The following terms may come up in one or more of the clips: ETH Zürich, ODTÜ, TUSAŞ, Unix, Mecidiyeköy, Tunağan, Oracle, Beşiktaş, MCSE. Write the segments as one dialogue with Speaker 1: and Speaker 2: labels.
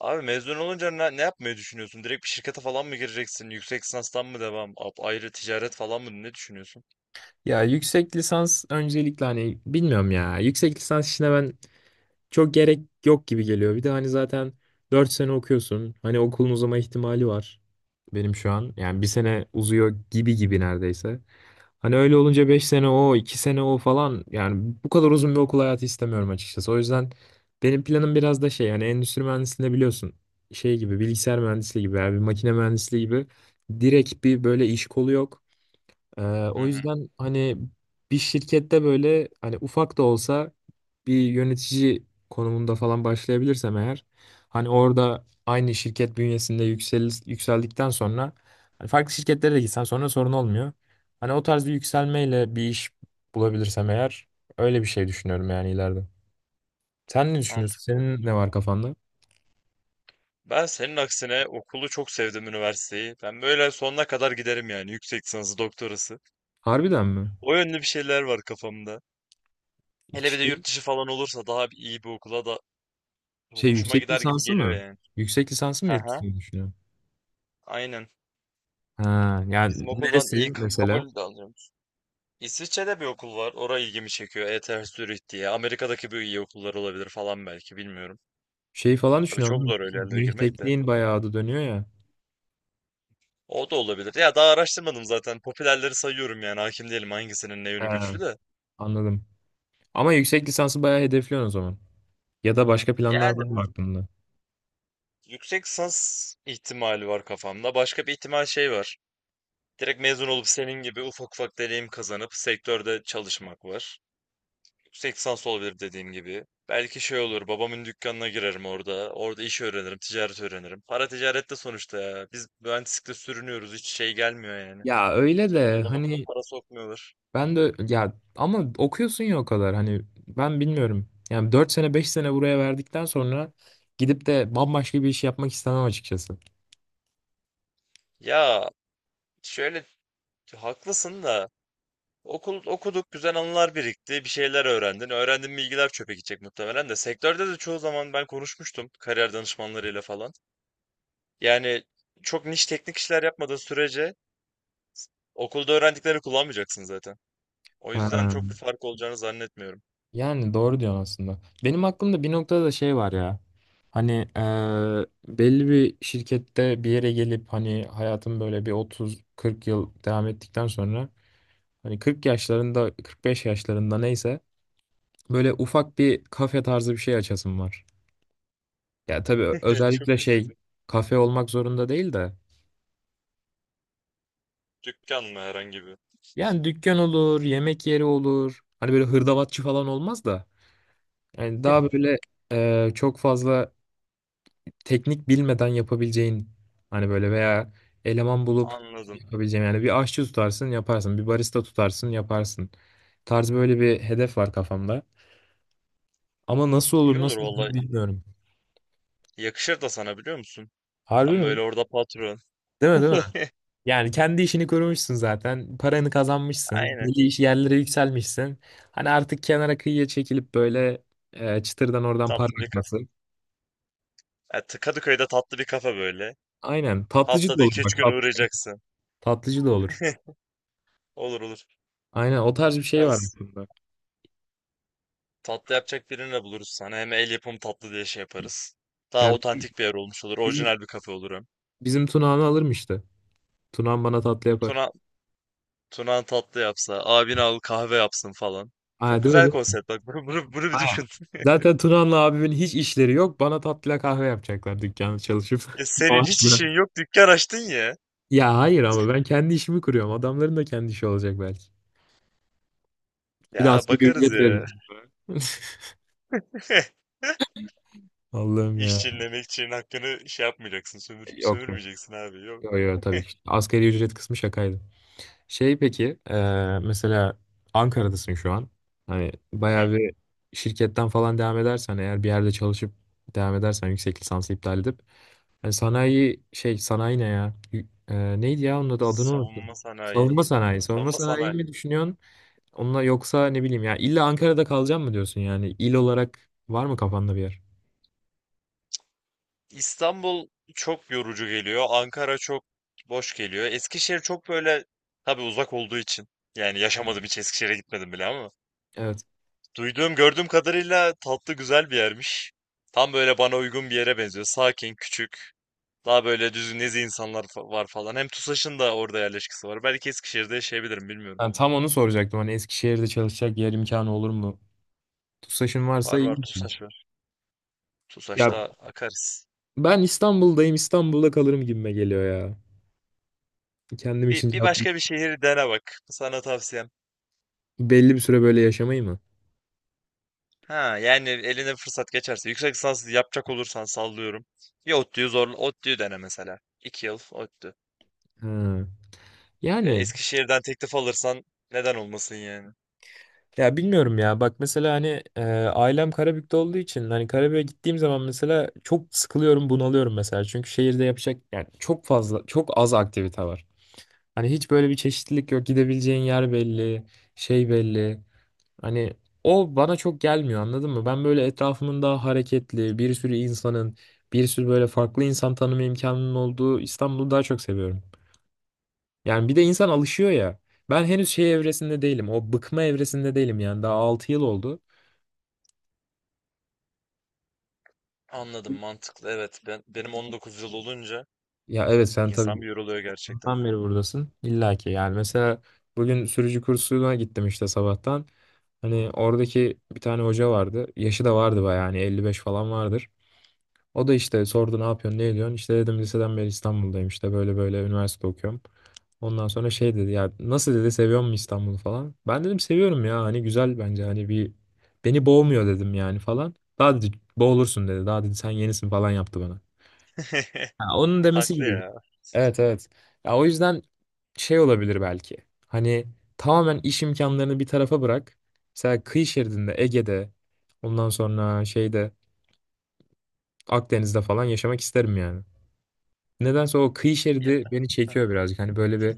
Speaker 1: Abi mezun olunca ne yapmayı düşünüyorsun? Direkt bir şirkete falan mı gireceksin? Yüksek lisanstan mı devam? Ayrı ticaret falan mı? Ne düşünüyorsun?
Speaker 2: Ya yüksek lisans öncelikle hani bilmiyorum ya. Yüksek lisans işine ben çok gerek yok gibi geliyor. Bir de hani zaten 4 sene okuyorsun. Hani okulun uzama ihtimali var benim şu an. Yani bir sene uzuyor gibi gibi neredeyse. Hani öyle olunca 5 sene o, 2 sene o falan yani bu kadar uzun bir okul hayatı istemiyorum açıkçası. O yüzden benim planım biraz da şey yani endüstri mühendisliğinde biliyorsun şey gibi bilgisayar mühendisliği gibi yani bir makine mühendisliği gibi direkt bir böyle iş kolu yok. Ee,
Speaker 1: Hı
Speaker 2: o
Speaker 1: hı,
Speaker 2: yüzden hani bir şirkette böyle hani ufak da olsa bir yönetici konumunda falan başlayabilirsem eğer hani orada aynı şirket bünyesinde yükseldikten sonra hani farklı şirketlere de gitsen sonra sorun olmuyor. Hani o tarz bir yükselmeyle bir iş bulabilirsem eğer öyle bir şey düşünüyorum yani ileride. Sen ne düşünüyorsun?
Speaker 1: mantıklı,
Speaker 2: Senin ne
Speaker 1: güzel.
Speaker 2: var kafanda?
Speaker 1: Ben senin aksine okulu çok sevdim üniversiteyi. Ben böyle sonuna kadar giderim yani yüksek lisansı, doktorası.
Speaker 2: Harbiden mi?
Speaker 1: O yönlü bir şeyler var kafamda. Hele bir de
Speaker 2: Şey,
Speaker 1: yurt dışı falan olursa daha iyi bir okula da
Speaker 2: şey
Speaker 1: hoşuma
Speaker 2: yüksek
Speaker 1: gider gibi
Speaker 2: lisansı
Speaker 1: geliyor
Speaker 2: mı?
Speaker 1: yani.
Speaker 2: Yüksek lisansı mı
Speaker 1: Hı
Speaker 2: yurt
Speaker 1: hı.
Speaker 2: dışında düşünüyorsun?
Speaker 1: Aynen.
Speaker 2: Ha, yani
Speaker 1: Bizim okuldan
Speaker 2: neresi
Speaker 1: iyi
Speaker 2: mesela?
Speaker 1: kabul de alacağım. İsviçre'de bir okul var. Oraya ilgimi çekiyor. ETH Zürich diye. Amerika'daki bir iyi okullar olabilir falan belki bilmiyorum.
Speaker 2: Şey falan
Speaker 1: Tabii çok
Speaker 2: düşünüyorum.
Speaker 1: zor öyle yerlere
Speaker 2: Münih
Speaker 1: girmek de.
Speaker 2: Tekniğin bayağı adı dönüyor ya.
Speaker 1: O da olabilir. Ya daha araştırmadım zaten. Popülerleri sayıyorum yani. Hakim değilim hangisinin ne yönü
Speaker 2: Ha,
Speaker 1: güçlü de.
Speaker 2: anladım. Ama yüksek lisansı bayağı hedefliyorsun o zaman. Ya da başka planlar
Speaker 1: Yani
Speaker 2: var mı
Speaker 1: mu-
Speaker 2: aklında?
Speaker 1: yüksek lisans ihtimali var kafamda. Başka bir ihtimal şey var. Direkt mezun olup senin gibi ufak ufak deneyim kazanıp sektörde çalışmak var. Yüksek lisans olabilir dediğim gibi. Belki şey olur, babamın dükkanına girerim orada. Orada iş öğrenirim, ticaret öğrenirim. Para ticarette sonuçta ya. Biz mühendislikle sürünüyoruz, hiç şey gelmiyor yani.
Speaker 2: Ya öyle
Speaker 1: Cebine
Speaker 2: de
Speaker 1: adam akıllı
Speaker 2: hani
Speaker 1: para sokmuyorlar.
Speaker 2: ben de ya ama okuyorsun ya o kadar hani ben bilmiyorum. Yani 4 sene 5 sene buraya verdikten sonra gidip de bambaşka bir iş yapmak istemem açıkçası.
Speaker 1: Ya şöyle haklısın da okul okuduk, güzel anılar birikti, bir şeyler öğrendin. Öğrendiğin bilgiler çöpe gidecek muhtemelen de. Sektörde de çoğu zaman ben konuşmuştum kariyer danışmanlarıyla falan. Yani çok niş teknik işler yapmadığın sürece okulda öğrendiklerini kullanmayacaksın zaten. O yüzden
Speaker 2: Ha.
Speaker 1: çok bir fark olacağını zannetmiyorum.
Speaker 2: Yani doğru diyorsun aslında. Benim aklımda bir noktada da şey var ya. Hani belli bir şirkette bir yere gelip hani hayatım böyle bir 30-40 yıl devam ettikten sonra hani 40 yaşlarında 45 yaşlarında neyse böyle ufak bir kafe tarzı bir şey açasım var. Ya tabii
Speaker 1: Çok
Speaker 2: özellikle
Speaker 1: güzel.
Speaker 2: şey kafe olmak zorunda değil de
Speaker 1: Dükkan mı herhangi bir?
Speaker 2: yani dükkan olur, yemek yeri olur. Hani böyle hırdavatçı falan olmaz da yani daha böyle çok fazla teknik bilmeden yapabileceğin hani böyle veya eleman bulup
Speaker 1: Anladım.
Speaker 2: yapabileceğin yani bir aşçı tutarsın yaparsın bir barista tutarsın yaparsın tarzı böyle bir hedef var kafamda. Ama nasıl
Speaker 1: İyi
Speaker 2: olur
Speaker 1: olur
Speaker 2: nasıl
Speaker 1: valla.
Speaker 2: gider bilmiyorum.
Speaker 1: Yakışır da sana biliyor musun?
Speaker 2: Harbi
Speaker 1: Tam
Speaker 2: mi?
Speaker 1: böyle orada patron.
Speaker 2: Değil mi? Değil mi? Yani kendi işini kurmuşsun zaten. Paranı kazanmışsın.
Speaker 1: Aynen.
Speaker 2: Belli iş yerlere yükselmişsin. Hani artık kenara kıyıya çekilip böyle çıtırdan oradan para
Speaker 1: Tatlı bir kafe.
Speaker 2: akması.
Speaker 1: Evet, Kadıköy'de tatlı bir kafe böyle.
Speaker 2: Aynen. Tatlıcı da
Speaker 1: Haftada
Speaker 2: olur
Speaker 1: iki
Speaker 2: bak.
Speaker 1: üç gün
Speaker 2: tat-
Speaker 1: uğrayacaksın.
Speaker 2: tatlıcı da olur.
Speaker 1: Olur olur.
Speaker 2: Aynen o tarz bir şey
Speaker 1: Ben
Speaker 2: var
Speaker 1: s-
Speaker 2: aklımda.
Speaker 1: tatlı yapacak birini de buluruz sana. Hem el yapımı tatlı diye şey yaparız. Daha
Speaker 2: Yani
Speaker 1: otantik bir yer olmuş olur. Orijinal bir kafe olur hem.
Speaker 2: bizim Tunağan'ı alırım işte. Tunağan bana tatlı yapar.
Speaker 1: Tuna, Tuna tatlı yapsa, abin al kahve yapsın falan. Çok
Speaker 2: Aa, değil mi?
Speaker 1: güzel
Speaker 2: Değil mi?
Speaker 1: konsept bak. Bunu bir
Speaker 2: Aynen.
Speaker 1: düşün.
Speaker 2: Zaten Tunağan'la abimin hiç işleri yok. Bana tatlıya kahve yapacaklar dükkanda çalışıp.
Speaker 1: E senin hiç
Speaker 2: Maaşla.
Speaker 1: işin yok dükkan açtın ya.
Speaker 2: Ya hayır ama ben kendi işimi kuruyorum. Adamların da kendi işi olacak belki. Bir de
Speaker 1: Ya
Speaker 2: asgari
Speaker 1: bakarız
Speaker 2: ücret
Speaker 1: ya.
Speaker 2: veririm. Allah'ım
Speaker 1: İş
Speaker 2: ya.
Speaker 1: çinlemek için hakkını şey yapmayacaksın,
Speaker 2: Yok yok.
Speaker 1: sömürmeyeceksin abi. Yok.
Speaker 2: Yok yok tabii ki. Asgari ücret kısmı şakaydı. Şey peki, mesela Ankara'dasın şu an. Hani
Speaker 1: Hı.
Speaker 2: bayağı bir şirketten falan devam edersen eğer bir yerde çalışıp devam edersen yüksek lisansı iptal edip hani sanayi şey sanayi ne ya? Neydi ya onun adını unuttum.
Speaker 1: Savunma sanayi.
Speaker 2: Savunma sanayi. Savunma
Speaker 1: Savunma
Speaker 2: sanayi
Speaker 1: sanayi.
Speaker 2: mi düşünüyorsun? Onunla yoksa ne bileyim ya illa Ankara'da kalacağım mı diyorsun yani? İl olarak var mı kafanda bir yer?
Speaker 1: İstanbul çok yorucu geliyor. Ankara çok boş geliyor. Eskişehir çok böyle tabii uzak olduğu için. Yani yaşamadım hiç Eskişehir'e gitmedim bile ama.
Speaker 2: Evet.
Speaker 1: Duyduğum gördüğüm kadarıyla tatlı güzel bir yermiş. Tam böyle bana uygun bir yere benziyor. Sakin, küçük. Daha böyle düzgün nezi insanlar var falan. Hem TUSAŞ'ın da orada yerleşkesi var. Belki Eskişehir'de yaşayabilirim bilmiyorum.
Speaker 2: Ben tam onu soracaktım. Hani Eskişehir'de çalışacak yer imkanı olur mu? TUSAŞ'ın varsa
Speaker 1: Var var
Speaker 2: iyi.
Speaker 1: TUSAŞ var.
Speaker 2: Ya
Speaker 1: TUSAŞ'ta akarız.
Speaker 2: ben İstanbul'dayım, İstanbul'da kalırım gibime geliyor ya. Kendim
Speaker 1: Bir,
Speaker 2: için
Speaker 1: bir
Speaker 2: yaptım.
Speaker 1: başka bir şehir dene bak. Sana tavsiyem.
Speaker 2: Belli bir süre böyle yaşamayı mı?
Speaker 1: Ha yani eline fırsat geçerse. Yüksek lisans yapacak olursan sallıyorum. Bir ODTÜ'yü zorla. ODTÜ'yü dene mesela. 2 yıl ODTÜ.
Speaker 2: Ha.
Speaker 1: Ve
Speaker 2: Yani
Speaker 1: Eskişehir'den teklif alırsan neden olmasın yani.
Speaker 2: ya bilmiyorum ya. Bak mesela hani ailem Karabük'te olduğu için hani Karabük'e gittiğim zaman mesela çok sıkılıyorum, bunalıyorum mesela. Çünkü şehirde yapacak yani çok fazla, çok az aktivite var. Hani hiç böyle bir çeşitlilik yok. Gidebileceğin yer belli, şey belli. Hani o bana çok gelmiyor anladın mı? Ben böyle etrafımın daha hareketli, bir sürü insanın, bir sürü böyle farklı insan tanıma imkanının olduğu İstanbul'u daha çok seviyorum. Yani bir de insan alışıyor ya. Ben henüz şey evresinde değilim. O bıkma evresinde değilim yani. Daha 6 yıl oldu.
Speaker 1: Anladım mantıklı evet benim 19 yıl olunca
Speaker 2: Ya evet sen
Speaker 1: insan
Speaker 2: tabii
Speaker 1: bir yoruluyor gerçekten.
Speaker 2: ondan beri buradasın. İlla ki yani mesela bugün sürücü kursuna gittim işte sabahtan. Hani oradaki bir tane hoca vardı. Yaşı da vardı bayağı hani 55 falan vardır. O da işte sordu ne yapıyorsun ne ediyorsun işte dedim liseden beri İstanbul'dayım işte böyle böyle üniversite okuyorum. Ondan sonra şey dedi ya nasıl dedi seviyor musun İstanbul'u falan. Ben dedim seviyorum ya hani güzel bence hani bir beni boğmuyor dedim yani falan. Daha dedi boğulursun dedi daha dedi sen yenisin falan yaptı bana. Ha, onun demesi
Speaker 1: Haklı
Speaker 2: gibi.
Speaker 1: ya.
Speaker 2: Evet evet. Ya o yüzden şey olabilir belki. Hani tamamen iş imkanlarını bir tarafa bırak. Mesela kıyı şeridinde Ege'de ondan sonra şeyde Akdeniz'de falan yaşamak isterim yani. Nedense o kıyı
Speaker 1: Ya,
Speaker 2: şeridi beni çekiyor birazcık. Hani böyle bir,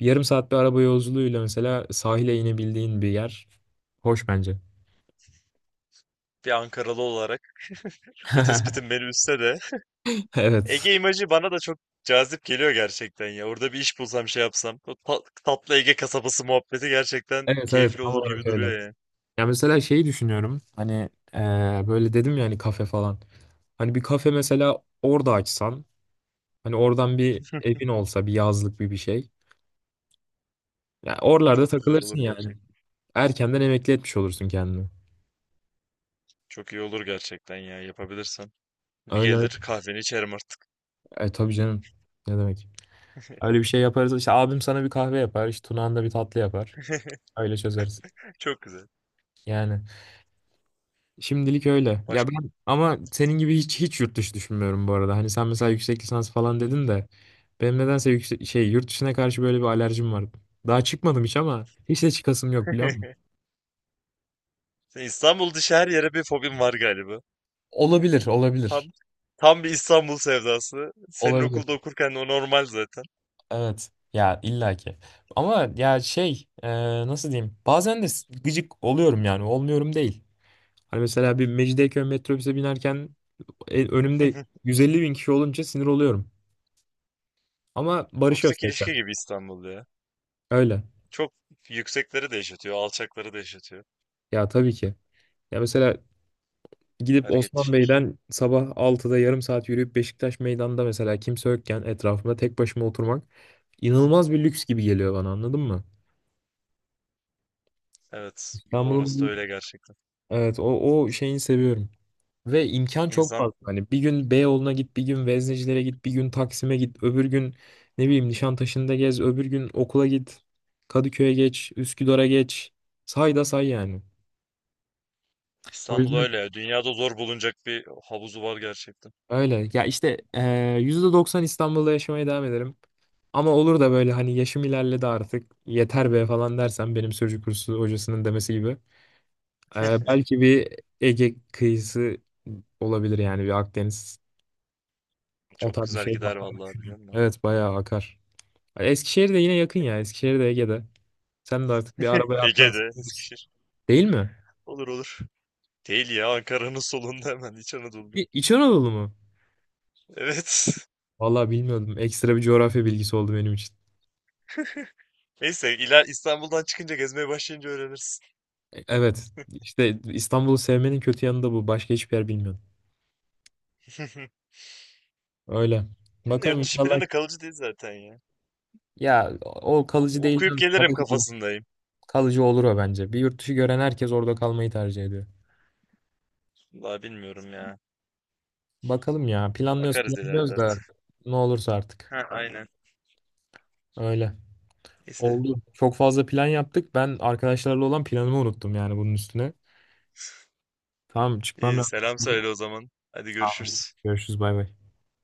Speaker 2: bir yarım saat bir araba yolculuğuyla mesela sahile inebildiğin bir yer. Hoş bence.
Speaker 1: bir Ankaralı olarak bu tespitin beni üzse de
Speaker 2: Evet.
Speaker 1: Ege imajı bana da çok cazip geliyor gerçekten ya. Orada bir iş bulsam şey yapsam o tatlı Ege kasabası muhabbeti gerçekten
Speaker 2: Evet evet
Speaker 1: keyifli
Speaker 2: tam
Speaker 1: olur
Speaker 2: olarak
Speaker 1: gibi
Speaker 2: öyle.
Speaker 1: duruyor ya.
Speaker 2: Ya mesela şeyi düşünüyorum. Hani böyle dedim ya hani kafe falan. Hani bir kafe mesela orada açsan. Hani oradan bir evin olsa bir yazlık bir şey. Ya oralarda
Speaker 1: Çok güzel
Speaker 2: takılırsın
Speaker 1: olur
Speaker 2: yani.
Speaker 1: gerçekten.
Speaker 2: Erkenden emekli etmiş olursun kendini.
Speaker 1: Çok iyi olur gerçekten ya yapabilirsen. Bir
Speaker 2: Öyle
Speaker 1: gelir
Speaker 2: öyle.
Speaker 1: kahveni içerim artık.
Speaker 2: E, tabii canım. Ne demek? Öyle bir şey yaparız. İşte abim sana bir kahve yapar. İşte Tunağan da bir tatlı yapar. Öyle çözeriz.
Speaker 1: Çok güzel.
Speaker 2: Yani şimdilik öyle. Ya
Speaker 1: Başka
Speaker 2: ben ama senin gibi hiç hiç yurt dışı düşünmüyorum bu arada. Hani sen mesela yüksek lisans falan dedin de benim nedense şey yurt dışına karşı böyle bir alerjim var. Daha çıkmadım hiç ama hiç de çıkasım yok biliyor musun?
Speaker 1: Sen İstanbul dışı her yere bir fobim var galiba.
Speaker 2: Olabilir, olabilir.
Speaker 1: Tam tam bir İstanbul sevdası. Senin
Speaker 2: Olabilir.
Speaker 1: okulda okurken o normal zaten.
Speaker 2: Evet. Ya illaki. Ama ya şey nasıl diyeyim? Bazen de gıcık oluyorum yani. Olmuyorum değil. Hani mesela bir Mecidiyeköy metrobüse binerken önümde 150 bin kişi olunca sinir oluyorum. Ama barışıyoruz
Speaker 1: Toksik
Speaker 2: tekrar.
Speaker 1: ilişki gibi İstanbul ya.
Speaker 2: Öyle.
Speaker 1: Çok yüksekleri de yaşatıyor, alçakları da yaşatıyor.
Speaker 2: Ya tabii ki. Ya mesela gidip
Speaker 1: Hareketli
Speaker 2: Osman
Speaker 1: şehir.
Speaker 2: Bey'den sabah 6'da yarım saat yürüyüp Beşiktaş meydanda mesela kimse yokken etrafımda tek başıma oturmak inanılmaz bir lüks gibi geliyor bana anladın mı?
Speaker 1: Evet, orası da
Speaker 2: İstanbul'un.
Speaker 1: öyle gerçekten.
Speaker 2: Evet. O şeyini seviyorum. Ve imkan çok
Speaker 1: İnsan
Speaker 2: fazla. Hani bir gün Beyoğlu'na git, bir gün Veznecilere git, bir gün Taksim'e git, öbür gün ne bileyim Nişantaşı'nda gez, öbür gün okula git, Kadıköy'e geç, Üsküdar'a geç. Say da say yani. O
Speaker 1: İstanbul
Speaker 2: yüzden
Speaker 1: öyle ya. Dünyada zor bulunacak bir havuzu var gerçekten.
Speaker 2: öyle. Ya işte %90 İstanbul'da yaşamaya devam ederim. Ama olur da böyle hani yaşım ilerledi artık yeter be falan dersen benim sürücü kursu hocasının demesi gibi. Belki bir Ege kıyısı olabilir yani bir Akdeniz. O
Speaker 1: Çok
Speaker 2: tarz bir
Speaker 1: güzel
Speaker 2: şey
Speaker 1: gider
Speaker 2: yapmayı
Speaker 1: vallahi biliyor
Speaker 2: düşünüyorum.
Speaker 1: musun?
Speaker 2: Evet bayağı akar. Eskişehir de yine yakın ya. Eskişehir de Ege'de. Sen de artık bir arabaya atlarsın.
Speaker 1: Ege'de, Eskişehir.
Speaker 2: Değil mi?
Speaker 1: Olur olur. Değil ya, Ankara'nın solunda hemen İç Anadolu'da.
Speaker 2: İç Anadolu mu?
Speaker 1: Evet.
Speaker 2: Vallahi bilmiyordum. Ekstra bir coğrafya bilgisi oldu benim için.
Speaker 1: Neyse, ila İstanbul'dan çıkınca gezmeye başlayınca öğrenirsin.
Speaker 2: Evet. İşte İstanbul'u sevmenin kötü yanı da bu. Başka hiçbir yer bilmiyorum. Öyle.
Speaker 1: Benim de
Speaker 2: Bakalım
Speaker 1: yurt dışı
Speaker 2: inşallah.
Speaker 1: planı kalıcı değil zaten ya.
Speaker 2: Ya o kalıcı değil,
Speaker 1: Okuyup
Speaker 2: canım.
Speaker 1: gelirim
Speaker 2: Kalıcı olur.
Speaker 1: kafasındayım.
Speaker 2: Kalıcı olur o bence. Bir yurt dışı gören herkes orada kalmayı tercih ediyor.
Speaker 1: Vallahi bilmiyorum ya.
Speaker 2: Bakalım ya. Planlıyoruz
Speaker 1: Bakarız ileride
Speaker 2: planlıyoruz da
Speaker 1: artık.
Speaker 2: ne olursa artık.
Speaker 1: Ha, aynen.
Speaker 2: Öyle.
Speaker 1: Neyse.
Speaker 2: Oldu. Çok fazla plan yaptık. Ben arkadaşlarla olan planımı unuttum yani bunun üstüne. Tamam çıkmam
Speaker 1: İyi
Speaker 2: lazım.
Speaker 1: selam söyle o zaman. Hadi
Speaker 2: Tamam.
Speaker 1: görüşürüz.
Speaker 2: Görüşürüz bay bay.